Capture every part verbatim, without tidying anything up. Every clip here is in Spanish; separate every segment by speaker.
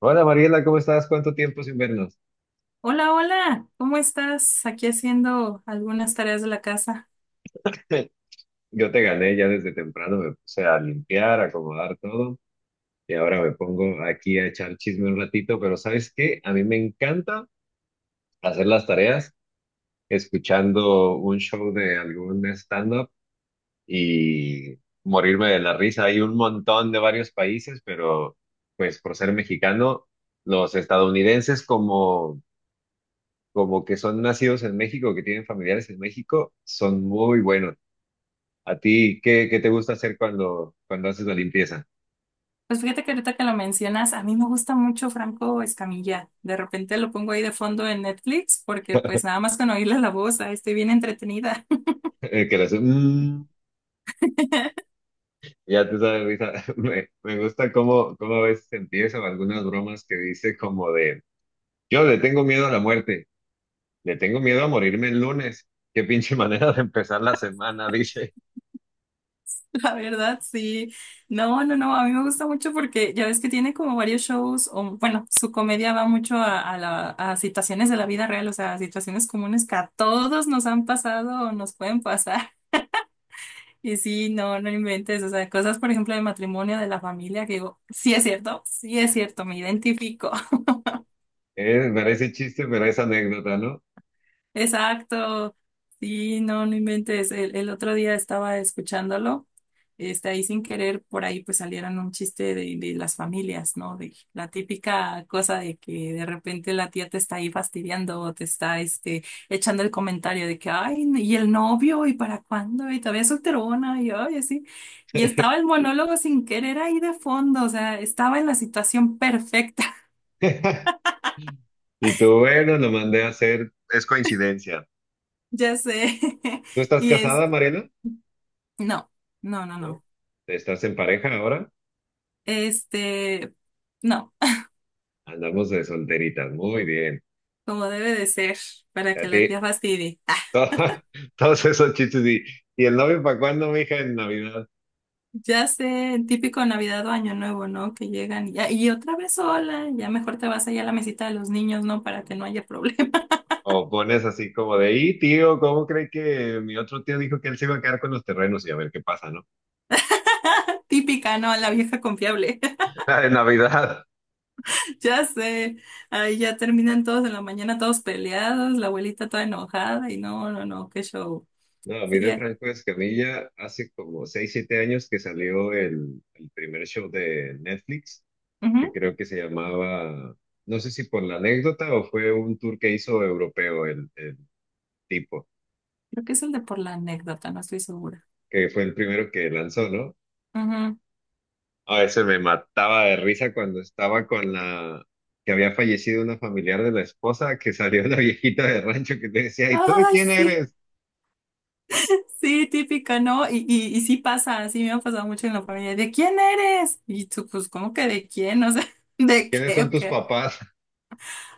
Speaker 1: Hola Mariela, ¿cómo estás? ¿Cuánto tiempo sin vernos?
Speaker 2: Hola, hola, ¿cómo estás? Aquí haciendo algunas tareas de la casa.
Speaker 1: Yo te gané ya desde temprano, me puse a limpiar, a acomodar todo y ahora me pongo aquí a echar chisme un ratito, pero ¿sabes qué? A mí me encanta hacer las tareas escuchando un show de algún stand-up y morirme de la risa. Hay un montón de varios países, pero pues por ser mexicano, los estadounidenses como, como que son nacidos en México, que tienen familiares en México, son muy buenos. ¿A ti qué, qué te gusta hacer cuando, cuando haces la limpieza?
Speaker 2: Pues fíjate que ahorita que lo mencionas, a mí me gusta mucho Franco Escamilla. De repente lo pongo ahí de fondo en Netflix porque pues nada más con oírle la voz, ahí estoy bien entretenida.
Speaker 1: Eh, Que le haces, "Mm", ya te sabes, risa. Me, me gusta cómo, cómo a veces empieza o algunas bromas que dice como de, yo le tengo miedo a la muerte, le tengo miedo a morirme el lunes. Qué pinche manera de empezar la semana, dice.
Speaker 2: La verdad, sí. No, no, no, a mí me gusta mucho porque ya ves que tiene como varios shows, o bueno, su comedia va mucho a, a la- a situaciones de la vida real, o sea, a situaciones comunes que a todos nos han pasado o nos pueden pasar. Y sí, no, no inventes, o sea, cosas, por ejemplo, de matrimonio, de la familia, que digo, sí es cierto, sí es cierto, me identifico.
Speaker 1: Eh, parece chiste, pero es anécdota, ¿no?
Speaker 2: Exacto. Sí, no, no inventes. El, el otro día estaba escuchándolo, este, ahí sin querer, por ahí pues salieron un chiste de, de las familias, ¿no? De la típica cosa de que de repente la tía te está ahí fastidiando o te está, este, echando el comentario de que, ay, y el novio, ¿y para cuándo? Y todavía es solterona, y ay, así. Y estaba el monólogo sin querer ahí de fondo, o sea, estaba en la situación perfecta.
Speaker 1: Y tú, bueno, lo mandé a hacer, es coincidencia.
Speaker 2: Ya sé.
Speaker 1: ¿Tú estás
Speaker 2: Y es,
Speaker 1: casada, Mariana?
Speaker 2: no. No, no,
Speaker 1: ¿No?
Speaker 2: no.
Speaker 1: ¿Estás en pareja ahora?
Speaker 2: Este, no,
Speaker 1: Andamos de solteritas, muy bien.
Speaker 2: como debe de ser, para
Speaker 1: A
Speaker 2: que
Speaker 1: ti,
Speaker 2: la tía fastidie.
Speaker 1: todo- todos esos chistes y, ¿y el novio para cuándo, mija, en Navidad?
Speaker 2: Ya sé, el típico Navidad o Año Nuevo, ¿no? Que llegan y, ya- y otra vez sola, ya mejor te vas allá a la mesita de los niños, ¿no? Para que no haya problema.
Speaker 1: O pones así como de, y tío, ¿cómo cree que mi otro tío dijo que él se iba a quedar con los terrenos y a ver qué pasa?, ¿no?
Speaker 2: Típica, ¿no? La vieja confiable.
Speaker 1: En Navidad.
Speaker 2: Ya sé, ahí ya terminan todos en la mañana, todos peleados, la abuelita toda enojada y no, no, no, qué show.
Speaker 1: No, a mí
Speaker 2: Sí,
Speaker 1: de
Speaker 2: eh.
Speaker 1: Franco Escamilla hace como seis siete años que salió el, el primer show de Netflix, que
Speaker 2: Ujú.
Speaker 1: creo que se llamaba, no sé si por la anécdota o fue un tour que hizo europeo el, el tipo,
Speaker 2: Creo que es el de por la anécdota, no estoy segura.
Speaker 1: que fue el primero que lanzó, ¿no?
Speaker 2: Ujú.
Speaker 1: A veces me mataba de risa cuando estaba con la que había fallecido una familiar de la esposa, que salió la viejita de rancho que te decía, ¿y tú de
Speaker 2: Ay,
Speaker 1: quién
Speaker 2: sí.
Speaker 1: eres?
Speaker 2: Sí, típica, ¿no? Y, y, y sí pasa, sí me ha pasado mucho en la familia. ¿De quién eres? Y tú, pues, ¿cómo que de quién? O sea,
Speaker 1: ¿Y
Speaker 2: ¿de
Speaker 1: quiénes
Speaker 2: qué
Speaker 1: son
Speaker 2: o
Speaker 1: tus
Speaker 2: qué?
Speaker 1: papás?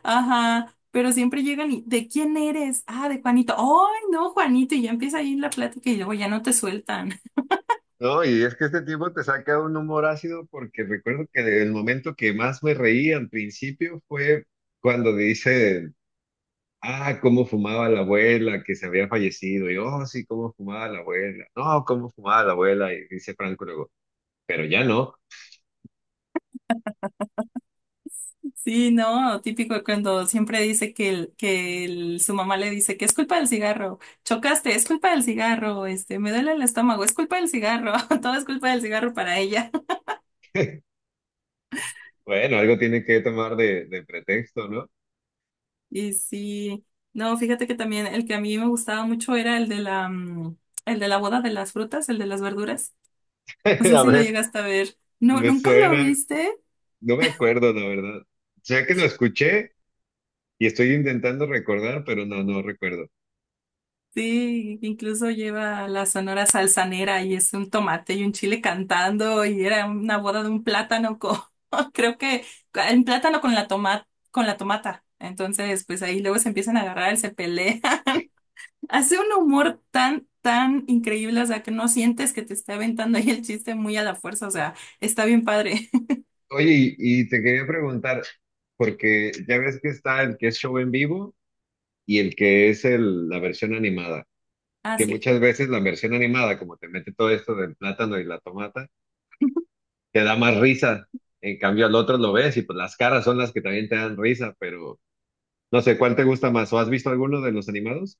Speaker 2: Ajá, pero siempre llegan y, ¿de quién eres? Ah, de Juanito. ¡Ay, no, Juanito! Y ya empieza ahí la plática y luego ya no te sueltan.
Speaker 1: No, y es que este tipo te saca un humor ácido porque recuerdo que el momento que más me reí al principio fue cuando dice, ah, cómo fumaba la abuela, que se había fallecido, y oh, sí, cómo fumaba la abuela, no, cómo fumaba la abuela, y dice Franco luego, pero ya no.
Speaker 2: Sí, no, típico cuando siempre dice que, el, que el- su mamá le dice que es culpa del cigarro, chocaste, es culpa del cigarro, este, me duele el estómago, es culpa del cigarro, todo es culpa del cigarro para ella.
Speaker 1: Bueno, algo tienen que tomar de, de pretexto, ¿no?
Speaker 2: Y sí, no, fíjate que también el que a mí me gustaba mucho era el de la, mm, el de la boda de las frutas, el de las verduras. No sé
Speaker 1: A
Speaker 2: si lo
Speaker 1: ver,
Speaker 2: llegaste a ver. No,
Speaker 1: me
Speaker 2: ¿nunca lo
Speaker 1: suena,
Speaker 2: viste?
Speaker 1: no me acuerdo, la verdad. Sé que lo escuché y estoy intentando recordar, pero no, no recuerdo.
Speaker 2: Sí, incluso lleva la sonora salsanera y es un tomate y un chile cantando y era una boda de un plátano con, creo que un plátano con la toma, con la tomata. Entonces, pues ahí luego se empiezan a agarrar, se pelean. Hace un humor tan, tan increíble, o sea, que no sientes que te esté aventando ahí el chiste muy a la fuerza, o sea, está bien padre.
Speaker 1: Oye, y, y te quería preguntar, porque ya ves que está el que es show en vivo y el que es el, la versión animada,
Speaker 2: Ah,
Speaker 1: que
Speaker 2: sí.
Speaker 1: muchas veces la versión animada, como te mete todo esto del plátano y la tomata, te da más risa. En cambio, al otro lo ves y pues las caras son las que también te dan risa, pero no sé, ¿cuál te gusta más? ¿O has visto alguno de los animados?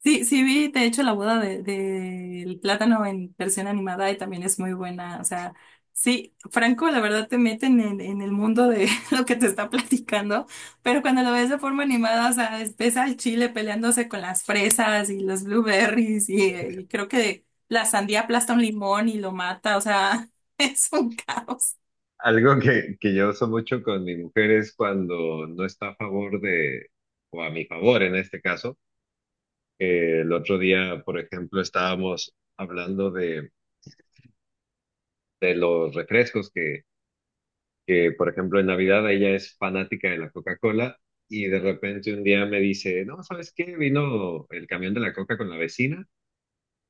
Speaker 2: Sí, sí vi, de hecho, la boda de, del plátano en versión animada y también es muy buena, o sea, sí, Franco, la verdad te meten en, en el mundo de lo que te está platicando, pero cuando lo ves de forma animada, o sea, es- ves al chile peleándose con las fresas y los blueberries y, y creo que la sandía aplasta un limón y lo mata, o sea, es un caos.
Speaker 1: Algo que, que yo uso mucho con mi mujer es cuando no está a favor de, o a mi favor en este caso, que el otro día, por ejemplo, estábamos hablando de, de los refrescos que, que, por ejemplo, en Navidad ella es fanática de la Coca-Cola y de repente un día me dice, no, ¿sabes qué? Vino el camión de la Coca con la vecina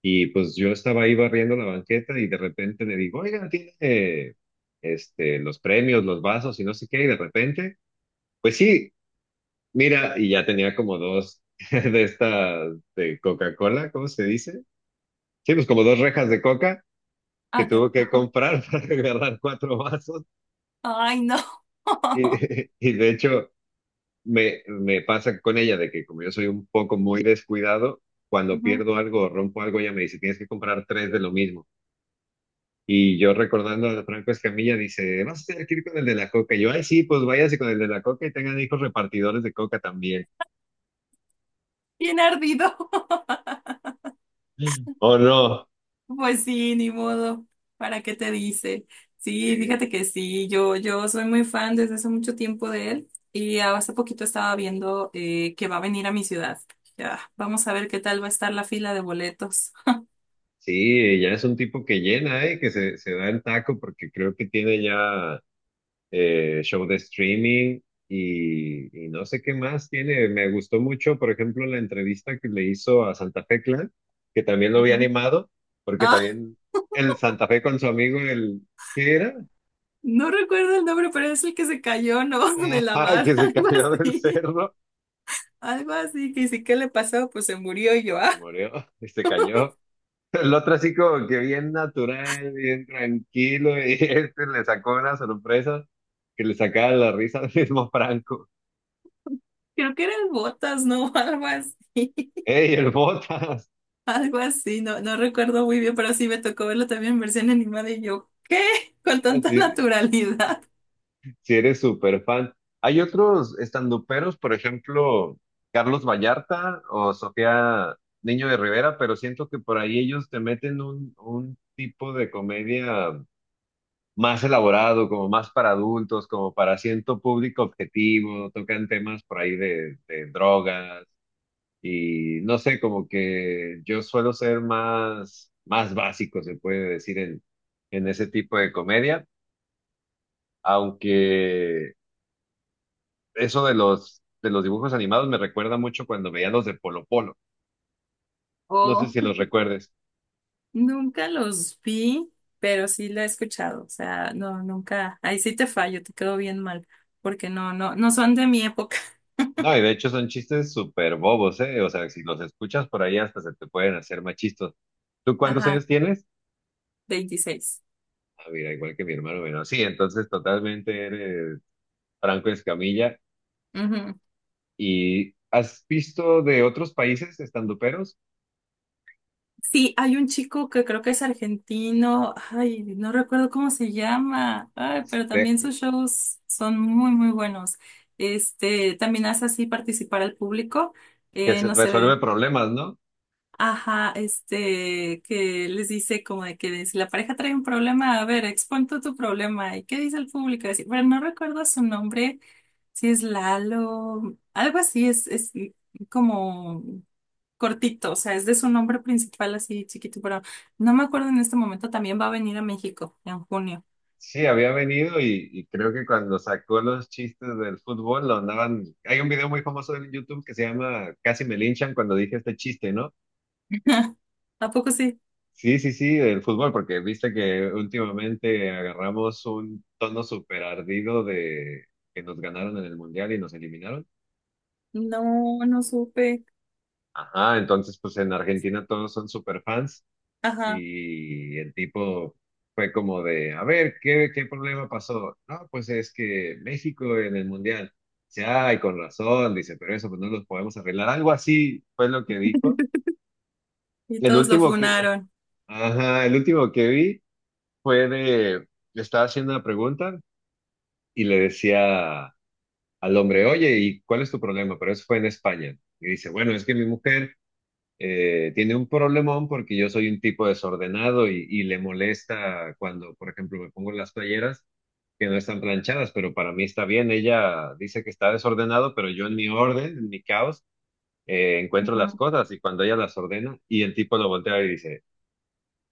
Speaker 1: y pues yo estaba ahí barriendo la banqueta y de repente le digo, oigan, tiene eh, este, los premios, los vasos y no sé qué, y de repente... Pues sí, mira, y ya tenía como dos de estas de Coca-Cola, ¿cómo se dice? Sí, pues como dos rejas de coca que
Speaker 2: Ah, ya.
Speaker 1: tuvo que comprar para agarrar cuatro vasos.
Speaker 2: Ay, no.
Speaker 1: Y, y de hecho, me, me pasa con ella de que como yo soy un poco muy descuidado, cuando
Speaker 2: Ujú.
Speaker 1: pierdo algo o rompo algo, ella me dice, tienes que comprar tres de lo mismo. Y yo recordando a Franco Escamilla, dice, vas a tener que ir con el de la coca. Y yo, ay, sí, pues váyase con el de la coca y tengan hijos repartidores de coca también.
Speaker 2: Bien ardido.
Speaker 1: ¿O no?
Speaker 2: Pues sí, ni modo. ¿Para qué te dice? Sí,
Speaker 1: Sí,
Speaker 2: fíjate que sí, yo, yo soy muy fan desde hace mucho tiempo de él y hace poquito estaba viendo eh, que va a venir a mi ciudad. Ya, vamos a ver qué tal va a estar la fila de boletos.
Speaker 1: sí, ya es un tipo que llena, ¿eh? Que se, se da el taco porque creo que tiene ya eh, show de streaming y, y no sé qué más tiene. Me gustó mucho, por ejemplo, la entrevista que le hizo a Santa Fe Clan, que también lo había
Speaker 2: Ujú.
Speaker 1: animado, porque
Speaker 2: Ah,
Speaker 1: también el Santa Fe con su amigo, el, ¿qué era?
Speaker 2: no recuerdo el nombre, pero es el que se cayó, ¿no? De la
Speaker 1: Ajá,
Speaker 2: barra,
Speaker 1: que se
Speaker 2: algo
Speaker 1: cayó del
Speaker 2: así.
Speaker 1: cerro,
Speaker 2: Algo así, que sí, ¿qué le pasó? Pues se murió y yo,
Speaker 1: o se
Speaker 2: ah,
Speaker 1: murió, y se cayó. El otro así como que bien natural, bien tranquilo, y este le sacó una sorpresa que le sacaba la risa al mismo Franco.
Speaker 2: creo que era el Botas, ¿no? Algo así.
Speaker 1: ¡Ey, el Botas!
Speaker 2: Algo así, no, no recuerdo muy bien, pero sí me tocó verlo también en versión animada y yo, ¿qué? Con
Speaker 1: Ah,
Speaker 2: tanta
Speaker 1: sí,
Speaker 2: naturalidad.
Speaker 1: sí eres súper fan. Hay otros estanduperos, por ejemplo, Carlos Vallarta o Sofía Niño de Rivera, pero siento que por ahí ellos te meten un, un tipo de comedia más elaborado, como más para adultos, como para asiento público objetivo, tocan temas por ahí de, de drogas. Y no sé, como que yo suelo ser más, más básico, se puede decir, en, en ese tipo de comedia, aunque eso de los, de los dibujos animados me recuerda mucho cuando veía los de Polo Polo. No sé
Speaker 2: Oh,
Speaker 1: si los recuerdes.
Speaker 2: nunca los vi, pero sí la he escuchado. O sea, no, nunca. Ahí sí te fallo, te quedo bien mal, porque no, no, no son de mi época.
Speaker 1: No, y de hecho son chistes súper bobos, ¿eh? O sea, si los escuchas por ahí hasta se te pueden hacer más chistos. ¿Tú cuántos
Speaker 2: Ajá,
Speaker 1: años tienes?
Speaker 2: veintiséis.
Speaker 1: Ah, mira, igual que mi hermano menor. Sí, entonces totalmente eres Franco Escamilla. ¿Y has visto de otros países estandoperos?
Speaker 2: Sí, hay un chico que creo que es argentino, ay, no recuerdo cómo se llama, ay, pero también
Speaker 1: de-
Speaker 2: sus shows son muy, muy buenos. Este, también hace así participar al público,
Speaker 1: que
Speaker 2: eh,
Speaker 1: se
Speaker 2: no
Speaker 1: resuelve
Speaker 2: sé.
Speaker 1: problemas, ¿no?
Speaker 2: Ajá, este, que les dice como de que si la pareja trae un problema, a ver, expon tú tu problema. ¿Y qué dice el público? Así, pero no recuerdo su nombre, si es Lalo, algo así, es, es como cortito, o sea, es de su nombre principal así chiquito, pero no me acuerdo en este momento, también va a venir a México en junio.
Speaker 1: Sí, había venido y, y creo que cuando sacó los chistes del fútbol lo andaban. Hay un video muy famoso en YouTube que se llama Casi me linchan cuando dije este chiste, ¿no?
Speaker 2: ¿A poco sí?
Speaker 1: Sí, sí, sí, del fútbol, porque viste que últimamente agarramos un tono súper ardido de que nos ganaron en el Mundial y nos eliminaron.
Speaker 2: No, no supe.
Speaker 1: Ajá, entonces pues en Argentina todos son súper fans.
Speaker 2: Ajá,
Speaker 1: Y el tipo fue como de, a ver, ¿qué, qué problema pasó? No, pues es que México en el Mundial. Dice, ay, con razón, dice, pero eso pues no los podemos arreglar. Algo así fue lo que dijo.
Speaker 2: y
Speaker 1: El
Speaker 2: todos lo
Speaker 1: último que,
Speaker 2: funaron.
Speaker 1: ajá, el último que vi fue de, le estaba haciendo una pregunta y le decía al hombre, oye, ¿y cuál es tu problema? Pero eso fue en España. Y dice, bueno, es que mi mujer eh, tiene un problemón porque yo soy un tipo desordenado y, y le molesta cuando, por ejemplo, me pongo las playeras que no están planchadas, pero para mí está bien. Ella dice que está desordenado, pero yo en mi orden, en mi caos, eh, encuentro las
Speaker 2: Ajá.
Speaker 1: cosas y cuando ella las ordena y el tipo lo voltea y dice,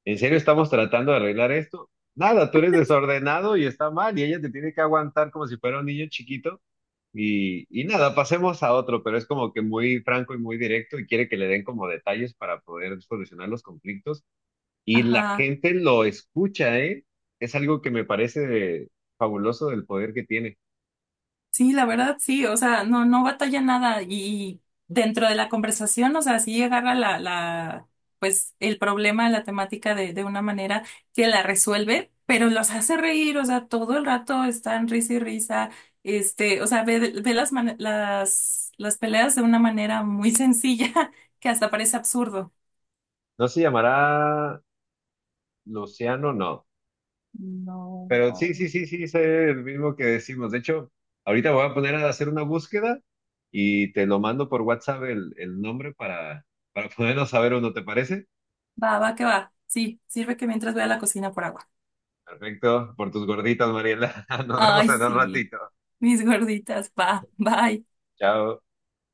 Speaker 1: ¿en serio estamos tratando de arreglar esto? Nada, tú eres desordenado y está mal y ella te tiene que aguantar como si fuera un niño chiquito y, y nada, pasemos a otro, pero es como que muy franco y muy directo y quiere que le den como detalles para poder solucionar los conflictos. Y la
Speaker 2: Ajá.
Speaker 1: gente lo escucha, ¿eh? Es algo que me parece fabuloso del poder que tiene.
Speaker 2: Sí, la verdad, sí, o sea, no, no batalla nada y dentro de la conversación, o sea, sí agarra la, la, pues el problema, la temática de, de una manera que la resuelve, pero los hace reír, o sea, todo el rato están risa y risa, este, o sea, ve, ve, las, mane- las, las peleas de una manera muy sencilla que hasta parece absurdo.
Speaker 1: No se llamará Luciano, no.
Speaker 2: No.
Speaker 1: Pero sí, sí, sí, sí, es el mismo que decimos. De hecho, ahorita voy a poner a hacer una búsqueda y te lo mando por WhatsApp el, el nombre para, para podernos saber uno, ¿te parece?
Speaker 2: Va, va, que va. Sí, sirve que mientras voy a la cocina por agua.
Speaker 1: Perfecto, por tus gorditas, Mariela. Nos vemos
Speaker 2: Ay,
Speaker 1: en un
Speaker 2: sí,
Speaker 1: ratito.
Speaker 2: mis gorditas, va, bye.
Speaker 1: Chao.